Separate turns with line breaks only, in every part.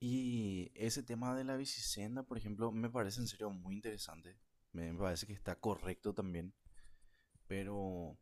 Y ese tema de la bicisenda, por ejemplo, me parece en serio muy interesante. Me parece que está correcto también, pero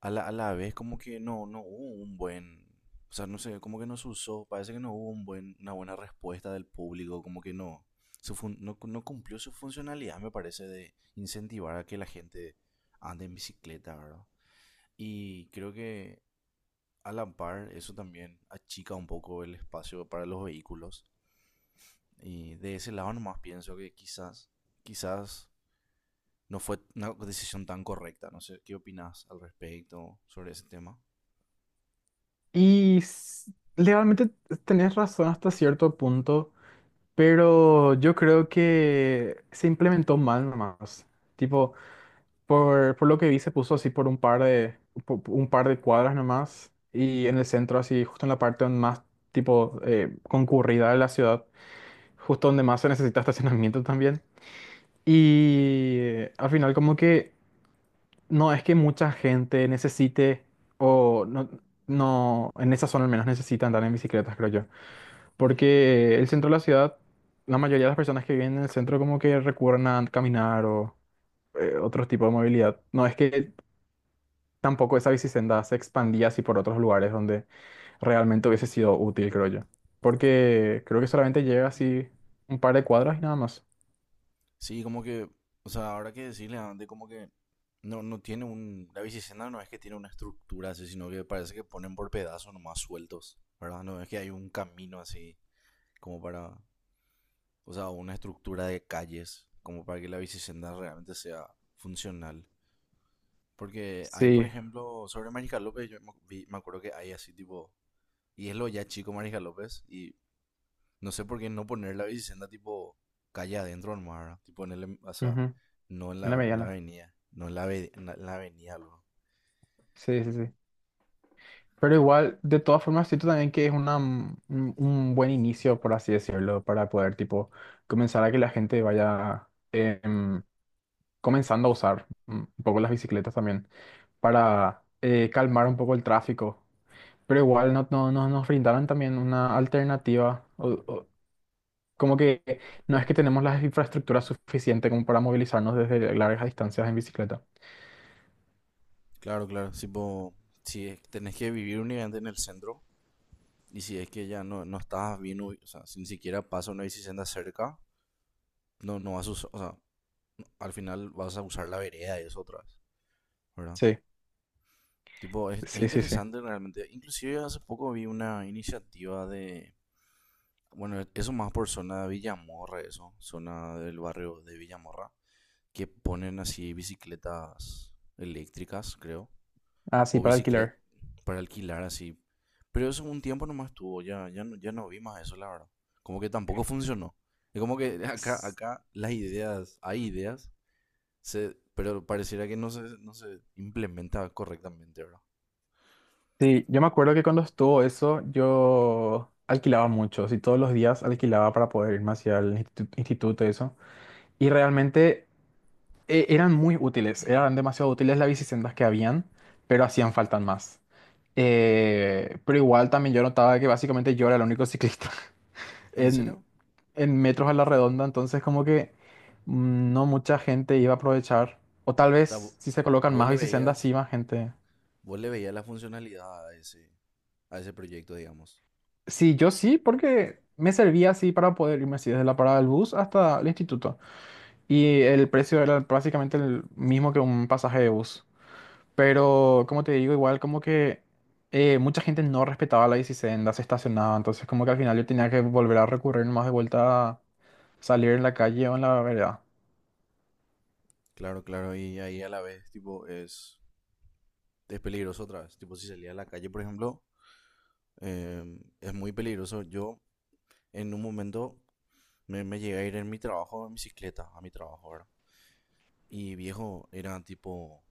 a la vez como que no hubo un buen, o sea, no sé, como que no se usó, parece que no hubo un buen, una buena respuesta del público, como que no, no cumplió su funcionalidad, me parece, de incentivar a que la gente ande en bicicleta, ¿verdad? Y creo que a la par eso también achica un poco el espacio para los vehículos. Y de ese lado nomás pienso que quizás, quizás no fue una decisión tan correcta. No sé, ¿qué opinas al respecto sobre ese tema?
Y legalmente tenés razón hasta cierto punto, pero yo creo que se implementó mal nomás. Tipo, por lo que vi, se puso así por un par de, un par de cuadras nomás y en el centro, así justo en la parte donde más tipo concurrida de la ciudad, justo donde más se necesita estacionamiento también. Y al final como que no es que mucha gente necesite o no, no en esa zona al menos necesita andar en bicicletas, creo yo. Porque el centro de la ciudad, la mayoría de las personas que viven en el centro como que recurren a caminar o otro tipo de movilidad. No es que tampoco esa bicisenda se expandía así por otros lugares donde realmente hubiese sido útil, creo yo. Porque creo que solamente llega así un par de cuadras y nada más.
Sí, como que, o sea, ahora que decirle antes, como que no, no tiene un. La bicicenda no es que tiene una estructura así, sino que parece que ponen por pedazos nomás sueltos, ¿verdad? No es que hay un camino así, como para. O sea, una estructura de calles, como para que la bicicenda realmente sea funcional. Porque hay, por
Sí,
ejemplo, sobre Mariscal López, yo me acuerdo que hay así, tipo, y es lo ya chico Marija López. Y no sé por qué no poner la bicicenda tipo calle adentro nomás, ¿verdad? Tipo en el, o sea,
ujú,
no en
en la
la
mediana.
avenida. No en la, en la avenida, luego.
Sí, sí, sí. Pero igual, de todas formas, siento también que es una, un buen inicio, por así decirlo, para poder, tipo, comenzar a que la gente vaya comenzando a usar un poco las bicicletas también para calmar un poco el tráfico. Pero igual no nos brindaron también una alternativa. Como que no es que tenemos las infraestructuras suficientes como para movilizarnos desde largas distancias en bicicleta.
Claro, claro. Tipo, si tenés que vivir únicamente en el centro y si es que ya no estás bien, o sea, si ni siquiera pasa una bicicenda cerca, no vas a usar, o sea, al final vas a usar la vereda y eso otra vez, ¿verdad?
Sí,
Tipo, es
sí, sí, sí.
interesante realmente. Inclusive hace poco vi una iniciativa de bueno, eso más por zona de Villamorra, eso, zona del barrio de Villamorra, que ponen así bicicletas eléctricas, creo,
Ah, sí,
o
para
bicicleta
alquilar.
para alquilar así. Pero eso un tiempo nomás estuvo, ya no vi más eso, la verdad. Como que tampoco funcionó. Es como que acá,
S-
acá las ideas, hay ideas, se, pero pareciera que no se implementa correctamente, ¿verdad?
Sí, yo me acuerdo que cuando estuvo eso, yo alquilaba mucho, y todos los días alquilaba para poder irme hacia el instituto y eso. Y realmente eran muy útiles, eran demasiado útiles las bicisendas que habían, pero hacían falta más. Pero igual también yo notaba que básicamente yo era el único ciclista
¿En
en,
serio?
en metros a la redonda, entonces como que no mucha gente iba a aprovechar. O tal
O sea,
vez si se colocan
vos
más
le
bicisendas,
veías,
sí, más gente.
vos le veías la funcionalidad a ese proyecto, digamos.
Sí, yo sí, porque me servía así para poder irme así desde la parada del bus hasta el instituto. Y el precio era básicamente el mismo que un pasaje de bus. Pero, como te digo, igual como que mucha gente no respetaba la bicisendas, se estacionaba, entonces como que al final yo tenía que volver a recurrir más de vuelta a salir en la calle o en la vereda.
Claro, claro, y ahí a la vez, tipo, es peligroso otra vez. Tipo, si salía a la calle, por ejemplo, es muy peligroso. Yo, en un momento, me llegué a ir en mi trabajo, en bicicleta, a mi trabajo, ¿verdad? Y viejo, era tipo,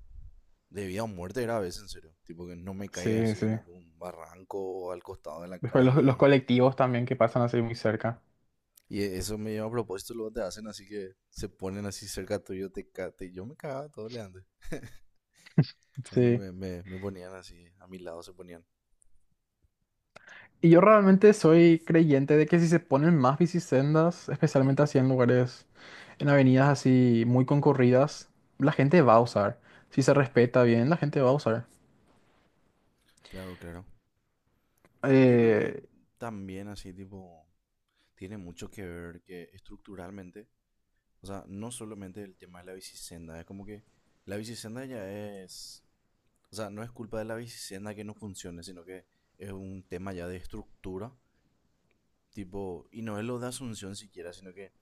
de vida o muerte era a veces, en serio. Tipo, que no me caiga
Sí,
así
sí.
en algún barranco o al costado de la
Después los
calle.
colectivos también que pasan así muy cerca.
Y eso me lleva a propósito, luego te hacen así que se ponen así cerca tuyo, te, yo me cagaba todo le antes. Cuando
Sí.
me ponían así, a mi lado se ponían.
Y yo realmente soy creyente de que si se ponen más bicisendas, especialmente así en lugares, en avenidas así muy concurridas, la gente va a usar. Si se respeta bien, la gente va a usar.
Claro, claro. Yo creo que
Eh,
también así tipo tiene mucho que ver que estructuralmente, o sea, no solamente el tema de la bicisenda, es como que la bicisenda ya es, o sea, no es culpa de la bicisenda que no funcione, sino que es un tema ya de estructura, tipo, y no es lo de Asunción siquiera, sino que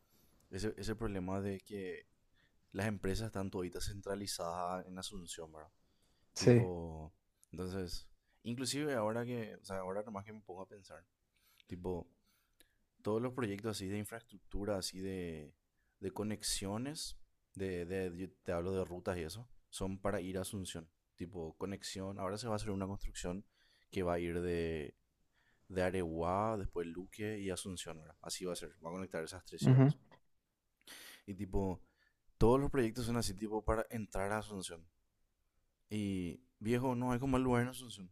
ese problema de que las empresas están toditas centralizadas en Asunción, ¿verdad?
sí.
Tipo, entonces, inclusive ahora que, o sea, ahora nomás que me pongo a pensar, tipo, todos los proyectos así de infraestructura, así de conexiones, de, yo te hablo de rutas y eso, son para ir a Asunción. Tipo, conexión, ahora se va a hacer una construcción que va a ir de Areguá, después Luque y Asunción, ¿verdad? Así va a ser, va a conectar esas tres
Ujú.
ciudades. Y tipo, todos los proyectos son así, tipo, para entrar a Asunción. Y viejo, no hay como el lugar en Asunción.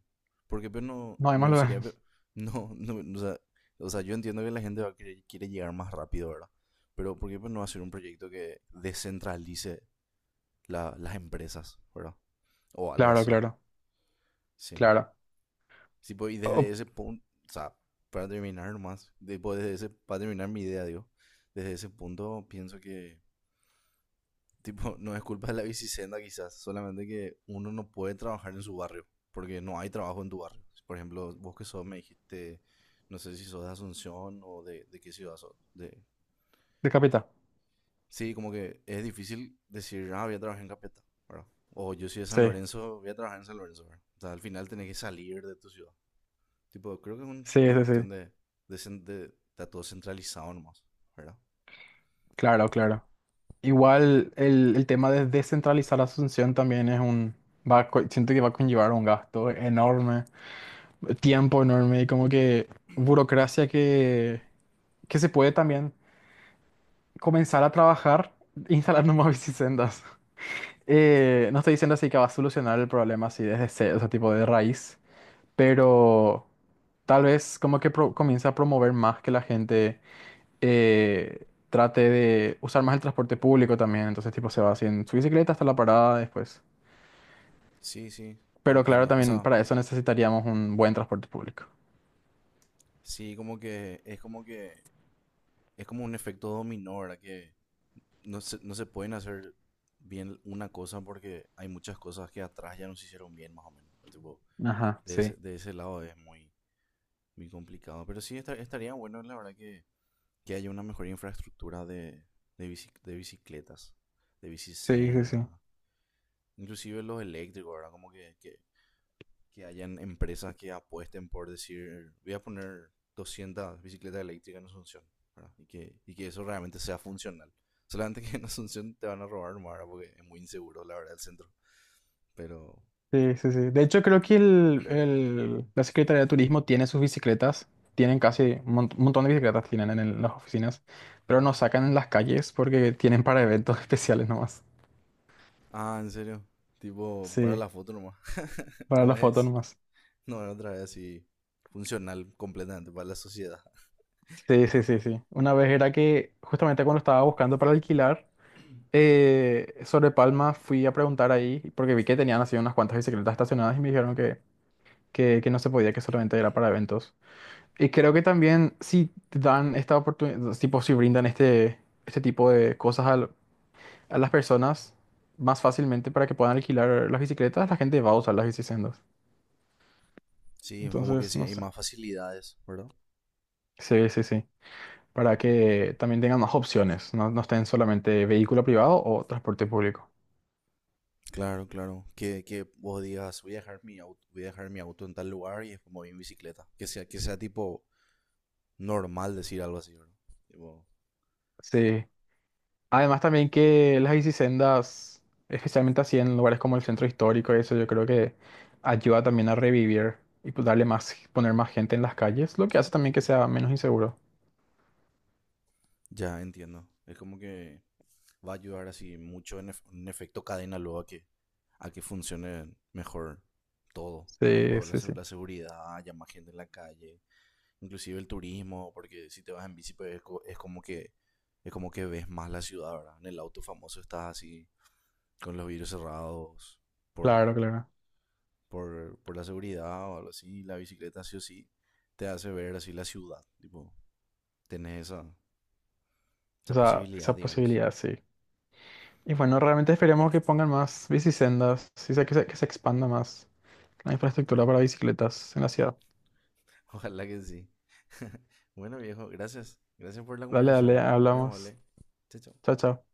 Porque pero no,
No hay más
no
lugar.
sería... No, no, o sea, yo entiendo que la gente va a quiere llegar más rápido, ¿verdad? Pero ¿por qué pues, no hacer un proyecto que descentralice las empresas, ¿verdad? O algo
Claro,
así,
claro,
sí.
claro.
Sí, pues, y desde
Oh,
ese punto, o sea, para terminar nomás, pues, desde ese, para terminar mi idea, digo, desde ese punto pienso que tipo, no es culpa de la bicicenda quizás, solamente que uno no puede trabajar en su barrio, porque no hay trabajo en tu barrio. Por ejemplo, vos que sos, me dijiste, no sé si sos de Asunción o de qué ciudad sos. De...
decapita.
Sí, como que es difícil decir, ah, voy a trabajar en Capeta, ¿verdad? O yo soy de San
Sí,
Lorenzo, voy a trabajar en San Lorenzo, ¿verdad? O sea, al final tenés que salir de tu ciudad. Tipo, creo que es
sí,
una
sí, sí.
cuestión de, está todo centralizado nomás, ¿verdad?
Claro, claro. Igual el tema de descentralizar Asunción también es un... Va, siento que va a conllevar un gasto enorme, tiempo enorme y como que burocracia que se puede también comenzar a trabajar instalando más bicisendas. No estoy diciendo así que va a solucionar el problema así desde cero, ese tipo de raíz, pero tal vez como que comienza a promover más que la gente trate de usar más el transporte público también. Entonces, tipo, se va así en su bicicleta hasta la parada después.
Sí, sí,
Pero claro,
entiendo. O
también
sea,
para eso necesitaríamos un buen transporte público.
sí, como que es como que es como un efecto dominó, ¿verdad? Que no se pueden hacer bien una cosa porque hay muchas cosas que atrás ya no se hicieron bien, más o menos. Tipo,
Ajá, sí.
de ese lado es muy, muy complicado. Pero sí estaría bueno, la verdad, que haya una mejor infraestructura de, de bicicletas, de
Sí, sí,
bicicenda,
sí.
inclusive los eléctricos, ¿verdad? Como que, que hayan empresas que apuesten por decir, voy a poner 200 bicicletas eléctricas en Asunción, ¿verdad? Y que eso realmente sea funcional. Solamente que en Asunción te van a robar nomás, ¿verdad? Porque es muy inseguro, la verdad, el centro. Pero,
Sí, sí, sí. De hecho, creo que la Secretaría de Turismo tiene sus bicicletas. Tienen casi un un montón de bicicletas tienen en las oficinas, pero no sacan en las calles porque tienen para eventos especiales nomás.
ah, en serio, tipo, para
Sí,
la foto nomás.
para
No
las fotos
es,
nomás.
no es otra vez así funcional completamente para la sociedad.
Sí, sí, sí, sí. Una vez era que justamente cuando estaba buscando para alquilar, sobre Palma fui a preguntar ahí porque vi que tenían así unas cuantas bicicletas estacionadas y me dijeron que, que no se podía, que solamente era para eventos. Y creo que también si dan esta oportunidad, tipo si brindan este, este tipo de cosas a las personas más fácilmente para que puedan alquilar las bicicletas, la gente va a usar las bicisendas.
Sí, como que
Entonces,
sí,
no
hay
sé.
más facilidades, ¿verdad?
Sí, sí, sí. Para que también tengan más opciones, no estén solamente vehículo privado o transporte público.
Claro, claro. Que vos digas, voy a dejar mi auto, voy a dejar mi auto en tal lugar y después me voy en bicicleta. Que sea tipo normal decir algo así, ¿verdad? Tipo,
Sí. Además también que las bicisendas, especialmente así en lugares como el centro histórico, eso yo creo que ayuda también a revivir y pues darle más, poner más gente en las calles, lo que hace también que sea menos inseguro.
ya entiendo. Es como que va a ayudar así mucho en, en efecto cadena luego a que funcione mejor todo.
Sí,
Tipo la,
sí, sí.
la seguridad, ya más gente en la calle, inclusive el turismo, porque si te vas en bici pues, es, es como que ves más la ciudad, ¿verdad? En el auto famoso estás así con los vidrios cerrados por,
Claro, claro.
por la seguridad o algo así, la bicicleta sí o sí te hace ver así la ciudad, tipo, tenés esa, esa
Esa,
posibilidad,
esa
digamos.
posibilidad, sí. Y bueno, realmente esperemos que pongan más bicisendas, sí, que se expanda más la
Yo-
infraestructura para bicicletas en la ciudad.
ojalá que sí. Bueno, viejo, gracias. Gracias por la
Dale, dale,
conversación. Muy
hablamos.
amable. Chao, chao.
Chao, chao.